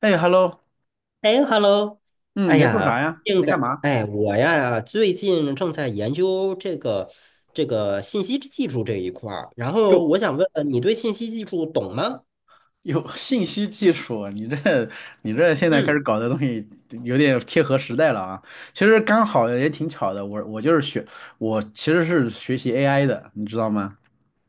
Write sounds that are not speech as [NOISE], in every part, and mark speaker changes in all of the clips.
Speaker 1: 哎，hello，
Speaker 2: 哎，Hello，
Speaker 1: 嗯，你
Speaker 2: 哎
Speaker 1: 在做
Speaker 2: 呀，
Speaker 1: 啥呀？
Speaker 2: 最
Speaker 1: 你
Speaker 2: 近
Speaker 1: 在干
Speaker 2: 感
Speaker 1: 嘛？
Speaker 2: 哎，嗯我呀，最近正在研究这个信息技术这一块儿，然后
Speaker 1: 哟，
Speaker 2: 我想问问你对信息技术懂吗？
Speaker 1: 有 [LAUGHS] 信息技术，你这现在开
Speaker 2: 嗯，
Speaker 1: 始搞的东西有点贴合时代了啊。其实刚好也挺巧的，我其实是学习 AI 的，你知道吗？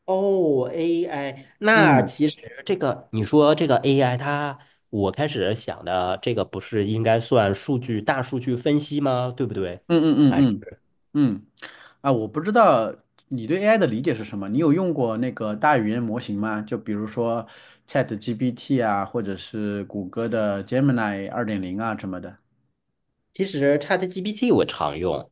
Speaker 2: 哦，AI，那
Speaker 1: 嗯
Speaker 2: 其实这个你说这个 AI，我开始想的这个不是应该算数据大数据分析吗？对不对？
Speaker 1: 嗯嗯嗯
Speaker 2: 还是
Speaker 1: 嗯嗯，啊，我不知道你对 AI 的理解是什么？你有用过那个大语言模型吗？就比如说 ChatGPT 啊，或者是谷歌的 Gemini 2.0啊什么的。
Speaker 2: 其实 ChatGPT 我常用。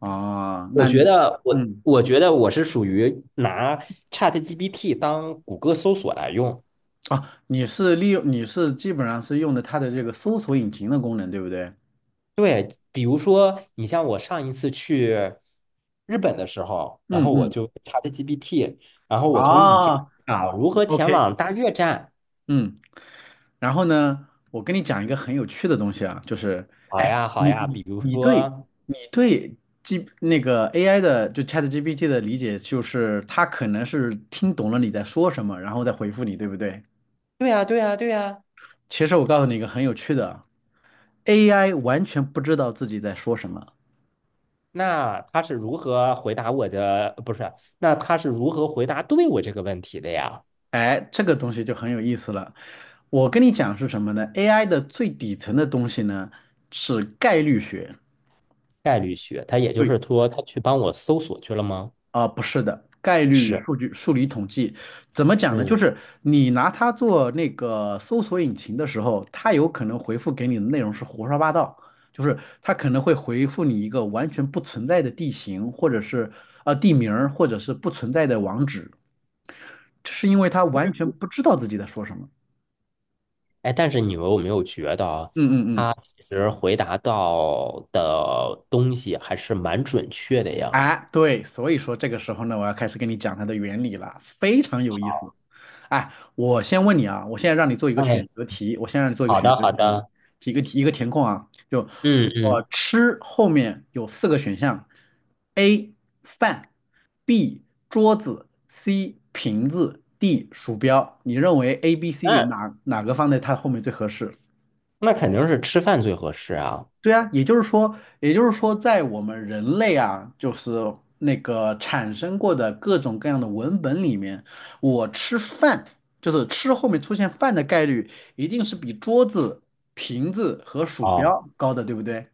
Speaker 1: 哦，
Speaker 2: 我
Speaker 1: 那
Speaker 2: 觉
Speaker 1: 你。
Speaker 2: 得我
Speaker 1: 嗯。
Speaker 2: 我觉得我是属于拿 ChatGPT 当谷歌搜索来用。
Speaker 1: 啊，你是基本上是用的它的这个搜索引擎的功能，对不对？
Speaker 2: 比如说，你像我上一次去日本的时候，然
Speaker 1: 嗯
Speaker 2: 后我
Speaker 1: 嗯，
Speaker 2: 就 ChatGPT，然后我从雨天
Speaker 1: 啊
Speaker 2: 啊如何前
Speaker 1: ，OK，
Speaker 2: 往大月站？
Speaker 1: 嗯，然后呢，我跟你讲一个很有趣的东西啊，就是，
Speaker 2: 好
Speaker 1: 哎，
Speaker 2: 呀，好
Speaker 1: 你
Speaker 2: 呀。
Speaker 1: 你
Speaker 2: 比如
Speaker 1: 你对
Speaker 2: 说，
Speaker 1: 你对 G 那个 AI 的就 ChatGPT 的理解，就是它可能是听懂了你在说什么，然后再回复你，对不对？
Speaker 2: 对呀，对呀，对呀。
Speaker 1: 其实我告诉你一个很有趣的，AI 完全不知道自己在说什么。
Speaker 2: 那他是如何回答我的？不是，那他是如何回答对我这个问题的呀？
Speaker 1: 哎，这个东西就很有意思了。我跟你讲是什么呢？AI 的最底层的东西呢是概率学。
Speaker 2: 概率学，他也就
Speaker 1: 对，
Speaker 2: 是说，他去帮我搜索去了吗？
Speaker 1: 啊、不是的，概率
Speaker 2: 是。
Speaker 1: 数据数理统计怎么讲呢？就
Speaker 2: 嗯。
Speaker 1: 是你拿它做那个搜索引擎的时候，它有可能回复给你的内容是胡说八道，就是它可能会回复你一个完全不存在的地形，或者是地名儿，或者是不存在的网址，这是因为它完全不知道自己在说什么。
Speaker 2: 哎，但是你们有没有觉得啊
Speaker 1: 嗯嗯
Speaker 2: 他
Speaker 1: 嗯
Speaker 2: 其实回答到的东西还是蛮准确的呀？
Speaker 1: 哎，对，所以说这个时候呢，我要开始跟你讲它的原理了，非常有意思。哎，我先问你啊，我现在让你做一个
Speaker 2: 哎，
Speaker 1: 选择题，我先让你做一个
Speaker 2: 好
Speaker 1: 选
Speaker 2: 的，
Speaker 1: 择
Speaker 2: 好
Speaker 1: 题，
Speaker 2: 的，
Speaker 1: 一个一个填空啊，就
Speaker 2: 嗯
Speaker 1: 我
Speaker 2: 嗯，
Speaker 1: 吃后面有四个选项：A 饭，B 桌子，C 瓶子，D 鼠标。你认为 A、B、C、D
Speaker 2: 那
Speaker 1: 哪个放在它后面最合适？
Speaker 2: 那肯定是吃饭最合适啊。
Speaker 1: 对啊，也就是说，也就是说，在我们人类啊，就是那个产生过的各种各样的文本里面，我吃饭，就是吃后面出现饭的概率，一定是比桌子、瓶子和鼠
Speaker 2: 哦
Speaker 1: 标高的，对不对？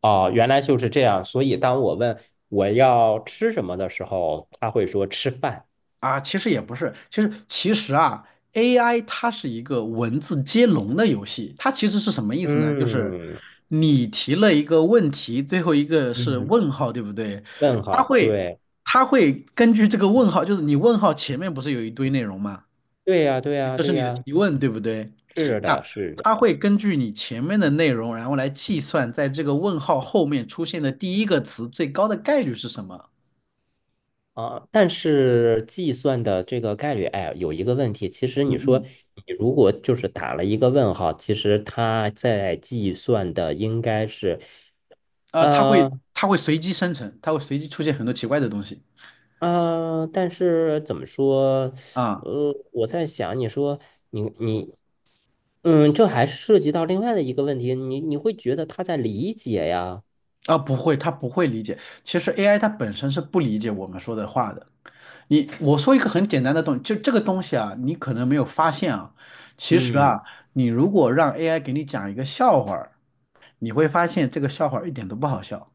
Speaker 2: 哦，原来就是这样。所以当我问我要吃什么的时候，他会说吃饭。
Speaker 1: 啊，其实也不是，其实啊，AI 它是一个文字接龙的游戏，它其实是什么意思呢？就是
Speaker 2: 嗯
Speaker 1: 你提了一个问题，最后一个是
Speaker 2: 嗯，
Speaker 1: 问号，对不对？
Speaker 2: 问
Speaker 1: 它
Speaker 2: 号，
Speaker 1: 会
Speaker 2: 对
Speaker 1: 它会根据这个问号，就是你问号前面不是有一堆内容嘛，
Speaker 2: 对呀，对呀，
Speaker 1: 这是
Speaker 2: 对
Speaker 1: 你的
Speaker 2: 呀，
Speaker 1: 提问，对不对？
Speaker 2: 是
Speaker 1: 那
Speaker 2: 的，是
Speaker 1: 它
Speaker 2: 的。
Speaker 1: 会根据你前面的内容，然后来计算在这个问号后面出现的第一个词最高的概率是什么。
Speaker 2: 啊，但是计算的这个概率，哎，有一个问题，其实你
Speaker 1: 嗯
Speaker 2: 说
Speaker 1: 嗯。
Speaker 2: 你如果就是打了一个问号，其实它在计算的应该是，
Speaker 1: 啊，它
Speaker 2: 呃
Speaker 1: 会它会随机生成，它会随机出现很多奇怪的东西
Speaker 2: 但是怎么说，
Speaker 1: 啊
Speaker 2: 我在想，你说你，这还涉及到另外的一个问题，你会觉得他在理解呀，
Speaker 1: 啊，不会，它不会理解。其实 AI 它本身是不理解我们说的话的。你我说一个很简单的东西，就这个东西啊，你可能没有发现啊，其实
Speaker 2: 嗯，
Speaker 1: 啊，你如果让 AI 给你讲一个笑话儿你会发现这个笑话儿一点都不好笑，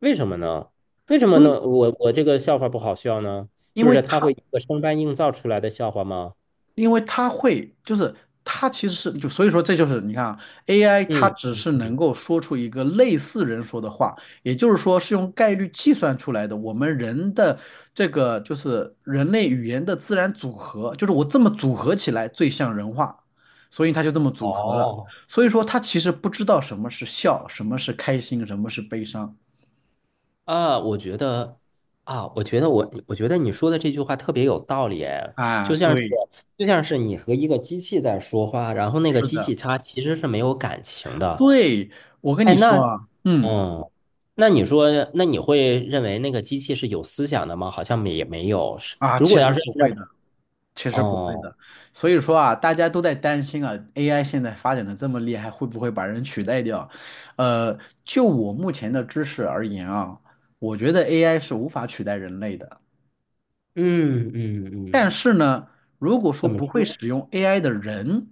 Speaker 2: 为什么呢？为什么
Speaker 1: 因为
Speaker 2: 呢？我这个笑话不好笑呢？
Speaker 1: 因
Speaker 2: 就
Speaker 1: 为
Speaker 2: 是他会一个生搬硬造出来的笑话吗？
Speaker 1: 因为它会，就是它其实是就所以说这就是你看啊，AI 它
Speaker 2: 嗯
Speaker 1: 只
Speaker 2: 嗯
Speaker 1: 是能
Speaker 2: 嗯，
Speaker 1: 够说出一个类似人说的话，也就是说是用概率计算出来的。我们人的这个就是人类语言的自然组合，就是我这么组合起来最像人话，所以它就这么组合了。
Speaker 2: 哦，
Speaker 1: 所以说它其实不知道什么是笑，什么是开心，什么是悲伤
Speaker 2: 啊，我觉得你说的这句话特别有道理，哎，
Speaker 1: 啊。
Speaker 2: 就像是
Speaker 1: 对，
Speaker 2: 就像是你和一个机器在说话，然后那个
Speaker 1: 是
Speaker 2: 机
Speaker 1: 的，
Speaker 2: 器它其实是没有感情的，
Speaker 1: 对，我跟
Speaker 2: 哎，
Speaker 1: 你说
Speaker 2: 那
Speaker 1: 啊，嗯
Speaker 2: 嗯，那你说，那你会认为那个机器是有思想的吗？好像没也没有，是
Speaker 1: 啊，
Speaker 2: 如果
Speaker 1: 其
Speaker 2: 要
Speaker 1: 实
Speaker 2: 是
Speaker 1: 不
Speaker 2: 按
Speaker 1: 会
Speaker 2: 照
Speaker 1: 的。其实不会的，
Speaker 2: 哦，
Speaker 1: 所以说啊，大家都在担心啊，AI 现在发展的这么厉害，会不会把人取代掉？呃，就我目前的知识而言啊，我觉得 AI 是无法取代人类的。
Speaker 2: 嗯嗯
Speaker 1: 但
Speaker 2: 嗯，
Speaker 1: 是呢，如果说
Speaker 2: 怎么
Speaker 1: 不会
Speaker 2: 说
Speaker 1: 使用 AI 的人，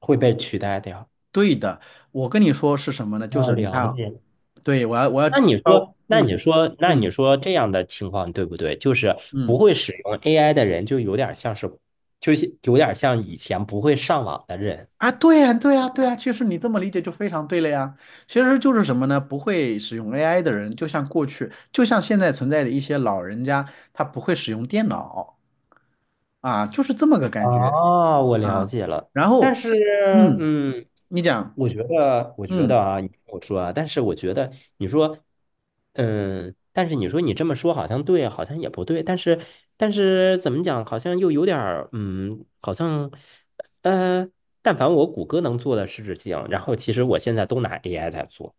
Speaker 2: 会被取代掉？
Speaker 1: 对的，我跟你说是什么呢？就
Speaker 2: 啊，
Speaker 1: 是你看
Speaker 2: 了
Speaker 1: 啊，
Speaker 2: 解，
Speaker 1: 对，我要招，嗯
Speaker 2: 那你
Speaker 1: 嗯
Speaker 2: 说这样的情况对不对？就是不
Speaker 1: 嗯。
Speaker 2: 会使用 AI 的人，就有点像是，就是有点像以前不会上网的人。
Speaker 1: 啊，对呀，对呀，对呀，其实你这么理解就非常对了呀。其实就是什么呢？不会使用 AI 的人，就像过去，就像现在存在的一些老人家，他不会使用电脑啊，就是这么个感觉
Speaker 2: 啊，我了
Speaker 1: 啊。
Speaker 2: 解了，
Speaker 1: 然
Speaker 2: 但
Speaker 1: 后，
Speaker 2: 是，
Speaker 1: 嗯，
Speaker 2: 嗯，
Speaker 1: 你讲，
Speaker 2: 我觉
Speaker 1: 嗯，
Speaker 2: 得啊，你听我说啊，但是我觉得，你说，但是你说你这么说好像对，好像也不对，但是，怎么讲，好像又有点儿，好像，呃，但凡我谷歌能做的事情，然后其实我现在都拿 AI 在做，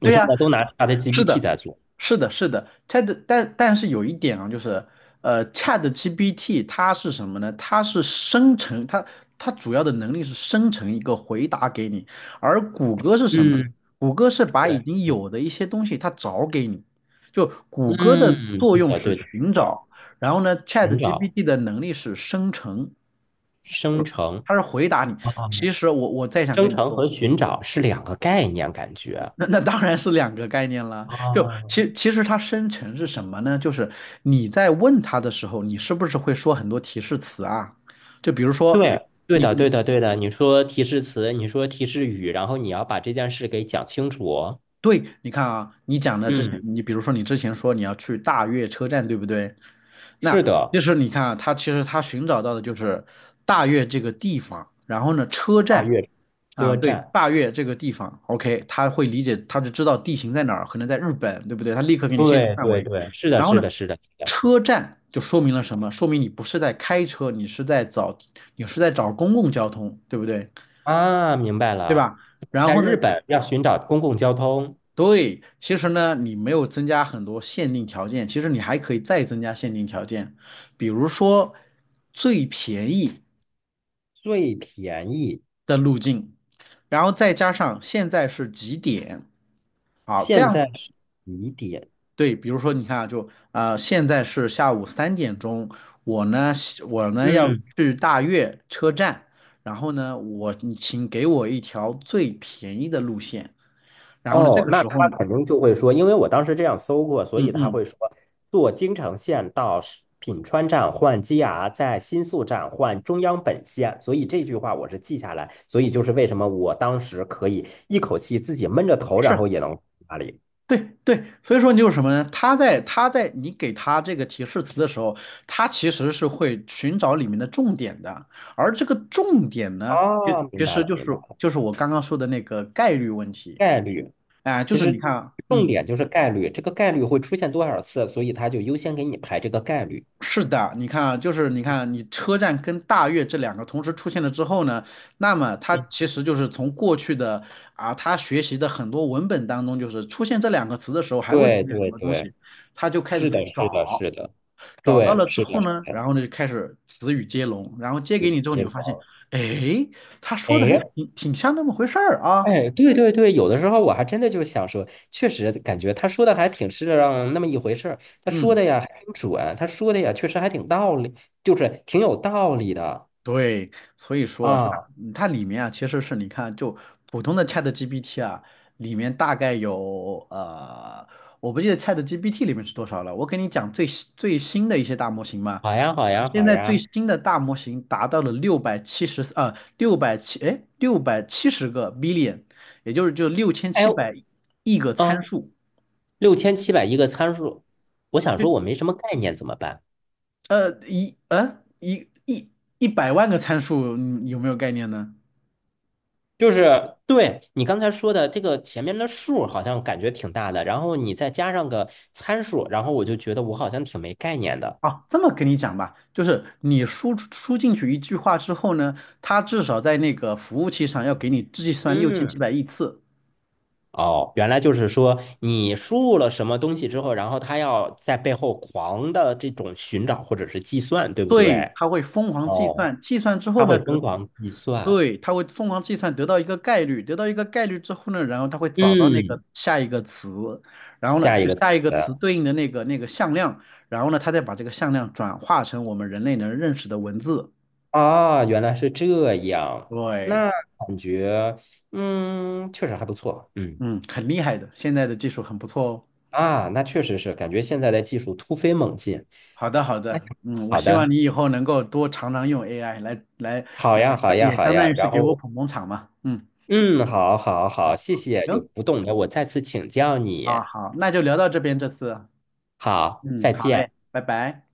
Speaker 2: 我
Speaker 1: 对
Speaker 2: 现
Speaker 1: 呀，
Speaker 2: 在都拿 c h a g p
Speaker 1: 是
Speaker 2: t
Speaker 1: 的，
Speaker 2: 在做，
Speaker 1: 是的，是的，但是有一点啊，就是，ChatGPT 它是什么呢？它是生成，它主要的能力是生成一个回答给你，而谷歌是什么呢？
Speaker 2: 嗯，
Speaker 1: 谷歌是把
Speaker 2: 是
Speaker 1: 已
Speaker 2: 的，
Speaker 1: 经有的一些东西它找给你，就谷歌的
Speaker 2: 嗯，嗯
Speaker 1: 作
Speaker 2: 对
Speaker 1: 用
Speaker 2: 的，
Speaker 1: 是
Speaker 2: 对的，
Speaker 1: 寻
Speaker 2: 对的，
Speaker 1: 找，然后呢
Speaker 2: 寻找
Speaker 1: ，ChatGPT 的能力是生成，
Speaker 2: 生成。
Speaker 1: 它是回答你。
Speaker 2: 啊。
Speaker 1: 其实我再想
Speaker 2: 生
Speaker 1: 跟你
Speaker 2: 成
Speaker 1: 说。
Speaker 2: 和寻找是两个概念，感觉。
Speaker 1: 那当然是两个概念了。就
Speaker 2: 哦，
Speaker 1: 其实它生成是什么呢？就是你在问他的时候，你是不是会说很多提示词啊？就比如说
Speaker 2: 对，对
Speaker 1: 你
Speaker 2: 的，
Speaker 1: 你
Speaker 2: 对的，对的。你说提示词，你说提示语，然后你要把这件事给讲清楚。
Speaker 1: 对，你看啊，你讲的之前，
Speaker 2: 嗯，
Speaker 1: 你比如说你之前说你要去大悦车站，对不对？
Speaker 2: 是
Speaker 1: 那就
Speaker 2: 的，
Speaker 1: 是你看啊，他其实他寻找到的就是大悦这个地方，然后呢，车
Speaker 2: 大
Speaker 1: 站
Speaker 2: 悦
Speaker 1: 啊，
Speaker 2: 车
Speaker 1: 对，
Speaker 2: 站。
Speaker 1: 大悦这个地方，OK，他会理解，他就知道地形在哪儿，可能在日本，对不对？他立刻给你限定
Speaker 2: 对，
Speaker 1: 范
Speaker 2: 对，
Speaker 1: 围。
Speaker 2: 对，是的，
Speaker 1: 然后
Speaker 2: 是
Speaker 1: 呢，
Speaker 2: 的，是的，是的。
Speaker 1: 车站就说明了什么？说明你不是在开车，你是在找，你是在找公共交通，对不对？
Speaker 2: 啊，明白
Speaker 1: 对
Speaker 2: 了。
Speaker 1: 吧？然
Speaker 2: 在
Speaker 1: 后呢，
Speaker 2: 日本要寻找公共交通
Speaker 1: 对，其实呢，你没有增加很多限定条件，其实你还可以再增加限定条件，比如说最便宜
Speaker 2: 最便宜，
Speaker 1: 的路径，然后再加上现在是几点，好，这
Speaker 2: 现
Speaker 1: 样
Speaker 2: 在是几点？
Speaker 1: 对，比如说你看啊，就现在是下午3点钟，我呢我呢要
Speaker 2: 嗯。
Speaker 1: 去大悦车站，然后呢你请给我一条最便宜的路线，然后呢这
Speaker 2: 哦，
Speaker 1: 个
Speaker 2: 那
Speaker 1: 时候，
Speaker 2: 他肯定就会说，因为我当时这样搜过，所
Speaker 1: 嗯
Speaker 2: 以他
Speaker 1: 嗯。
Speaker 2: 会说，坐京成线到是品川站换 JR，在新宿站换中央本线，所以这句话我是记下来，所以就是为什么我当时可以一口气自己闷着头，然
Speaker 1: 是。
Speaker 2: 后也能哪里
Speaker 1: 对对，所以说你有什么呢？他在你给他这个提示词的时候，他其实是会寻找里面的重点的，而这个重点呢，其
Speaker 2: 啊？明
Speaker 1: 其
Speaker 2: 白
Speaker 1: 实
Speaker 2: 了，
Speaker 1: 就
Speaker 2: 明白
Speaker 1: 是
Speaker 2: 了，
Speaker 1: 就是我刚刚说的那个概率问题，
Speaker 2: 概率，
Speaker 1: 哎，就
Speaker 2: 其
Speaker 1: 是你
Speaker 2: 实
Speaker 1: 看啊，
Speaker 2: 重
Speaker 1: 嗯，
Speaker 2: 点就是概率，这个概率会出现多少次，所以他就优先给你排这个概率。
Speaker 1: 是的，你看啊，就是你看啊你车站跟大悦这两个同时出现了之后呢，那么他
Speaker 2: 嗯，
Speaker 1: 其实就是从过去的啊他学习的很多文本当中，就是出现这两个词的时候还会出
Speaker 2: 对
Speaker 1: 现什
Speaker 2: 对
Speaker 1: 么东
Speaker 2: 对，
Speaker 1: 西，他就开始
Speaker 2: 是的，
Speaker 1: 去
Speaker 2: 是的，
Speaker 1: 找。
Speaker 2: 是的，
Speaker 1: 找到
Speaker 2: 对，
Speaker 1: 了之
Speaker 2: 是
Speaker 1: 后
Speaker 2: 的，是
Speaker 1: 呢，然
Speaker 2: 的。
Speaker 1: 后呢就开始词语接龙，然后接给你之后，你
Speaker 2: 也
Speaker 1: 会发现，
Speaker 2: 忙。
Speaker 1: 哎，他说的还
Speaker 2: 哎
Speaker 1: 挺像那么回事儿啊，
Speaker 2: 哎，对对对，有的时候我还真的就想说，确实感觉他说的还挺是让那么一回事儿，他说
Speaker 1: 嗯。
Speaker 2: 的呀还挺准，他说的呀确实还挺道理，就是挺有道理的
Speaker 1: 对，所以说它
Speaker 2: 啊。
Speaker 1: 它里面啊，其实是你看，就普通的 ChatGPT 啊，里面大概有我不记得 ChatGPT 里面是多少了。我给你讲最新最新的一些大模型嘛，
Speaker 2: 好呀，好呀，
Speaker 1: 现
Speaker 2: 好
Speaker 1: 在最
Speaker 2: 呀。
Speaker 1: 新的大模型达到了670 billion，也就是六千
Speaker 2: 哎，
Speaker 1: 七百亿个参
Speaker 2: 嗯，
Speaker 1: 数，
Speaker 2: 六千七百一个参数，我想说我
Speaker 1: 就
Speaker 2: 没什么概念怎么办？
Speaker 1: 呃一呃一一100万个参数，你有没有概念呢？
Speaker 2: 就是对你刚才说的这个前面的数好像感觉挺大的，然后你再加上个参数，然后我就觉得我好像挺没概念的。
Speaker 1: 啊，这么跟你讲吧，就是你输进去一句话之后呢，它至少在那个服务器上要给你计算六千七
Speaker 2: 嗯
Speaker 1: 百亿次，
Speaker 2: 哦，原来就是说你输入了什么东西之后，然后他要在背后狂的这种寻找或者是计算，对不
Speaker 1: 对，
Speaker 2: 对？
Speaker 1: 它会疯狂计
Speaker 2: 哦，
Speaker 1: 算，计算之后
Speaker 2: 他
Speaker 1: 呢
Speaker 2: 会疯
Speaker 1: 得，
Speaker 2: 狂计算。
Speaker 1: 对，它会疯狂计算得到一个概率，得到一个概率之后呢，然后它会找到那
Speaker 2: 嗯，
Speaker 1: 个下一个词，然后呢
Speaker 2: 下一
Speaker 1: 就
Speaker 2: 个词
Speaker 1: 下一个词对应的那个向量，然后呢它再把这个向量转化成我们人类能认识的文字，
Speaker 2: 啊，原来是这样，
Speaker 1: 对，
Speaker 2: 那感觉确实还不错。嗯
Speaker 1: 嗯，很厉害的，现在的技术很不错哦。
Speaker 2: 啊，那确实是感觉现在的技术突飞猛进。
Speaker 1: 好的，好
Speaker 2: 那
Speaker 1: 的，嗯，我
Speaker 2: 好
Speaker 1: 希
Speaker 2: 的，
Speaker 1: 望你以后能够多常常用 AI 来，
Speaker 2: 好呀，好呀，
Speaker 1: 也
Speaker 2: 好
Speaker 1: 相当
Speaker 2: 呀。
Speaker 1: 于是
Speaker 2: 然
Speaker 1: 给我
Speaker 2: 后
Speaker 1: 捧捧场嘛，嗯，
Speaker 2: 嗯，好好好，
Speaker 1: 好，
Speaker 2: 谢谢，有
Speaker 1: 行，
Speaker 2: 不懂的我再次请教你。
Speaker 1: 啊，好，那就聊到这边这次啊，
Speaker 2: 好，
Speaker 1: 嗯，
Speaker 2: 再
Speaker 1: 好
Speaker 2: 见。
Speaker 1: 嘞，拜拜。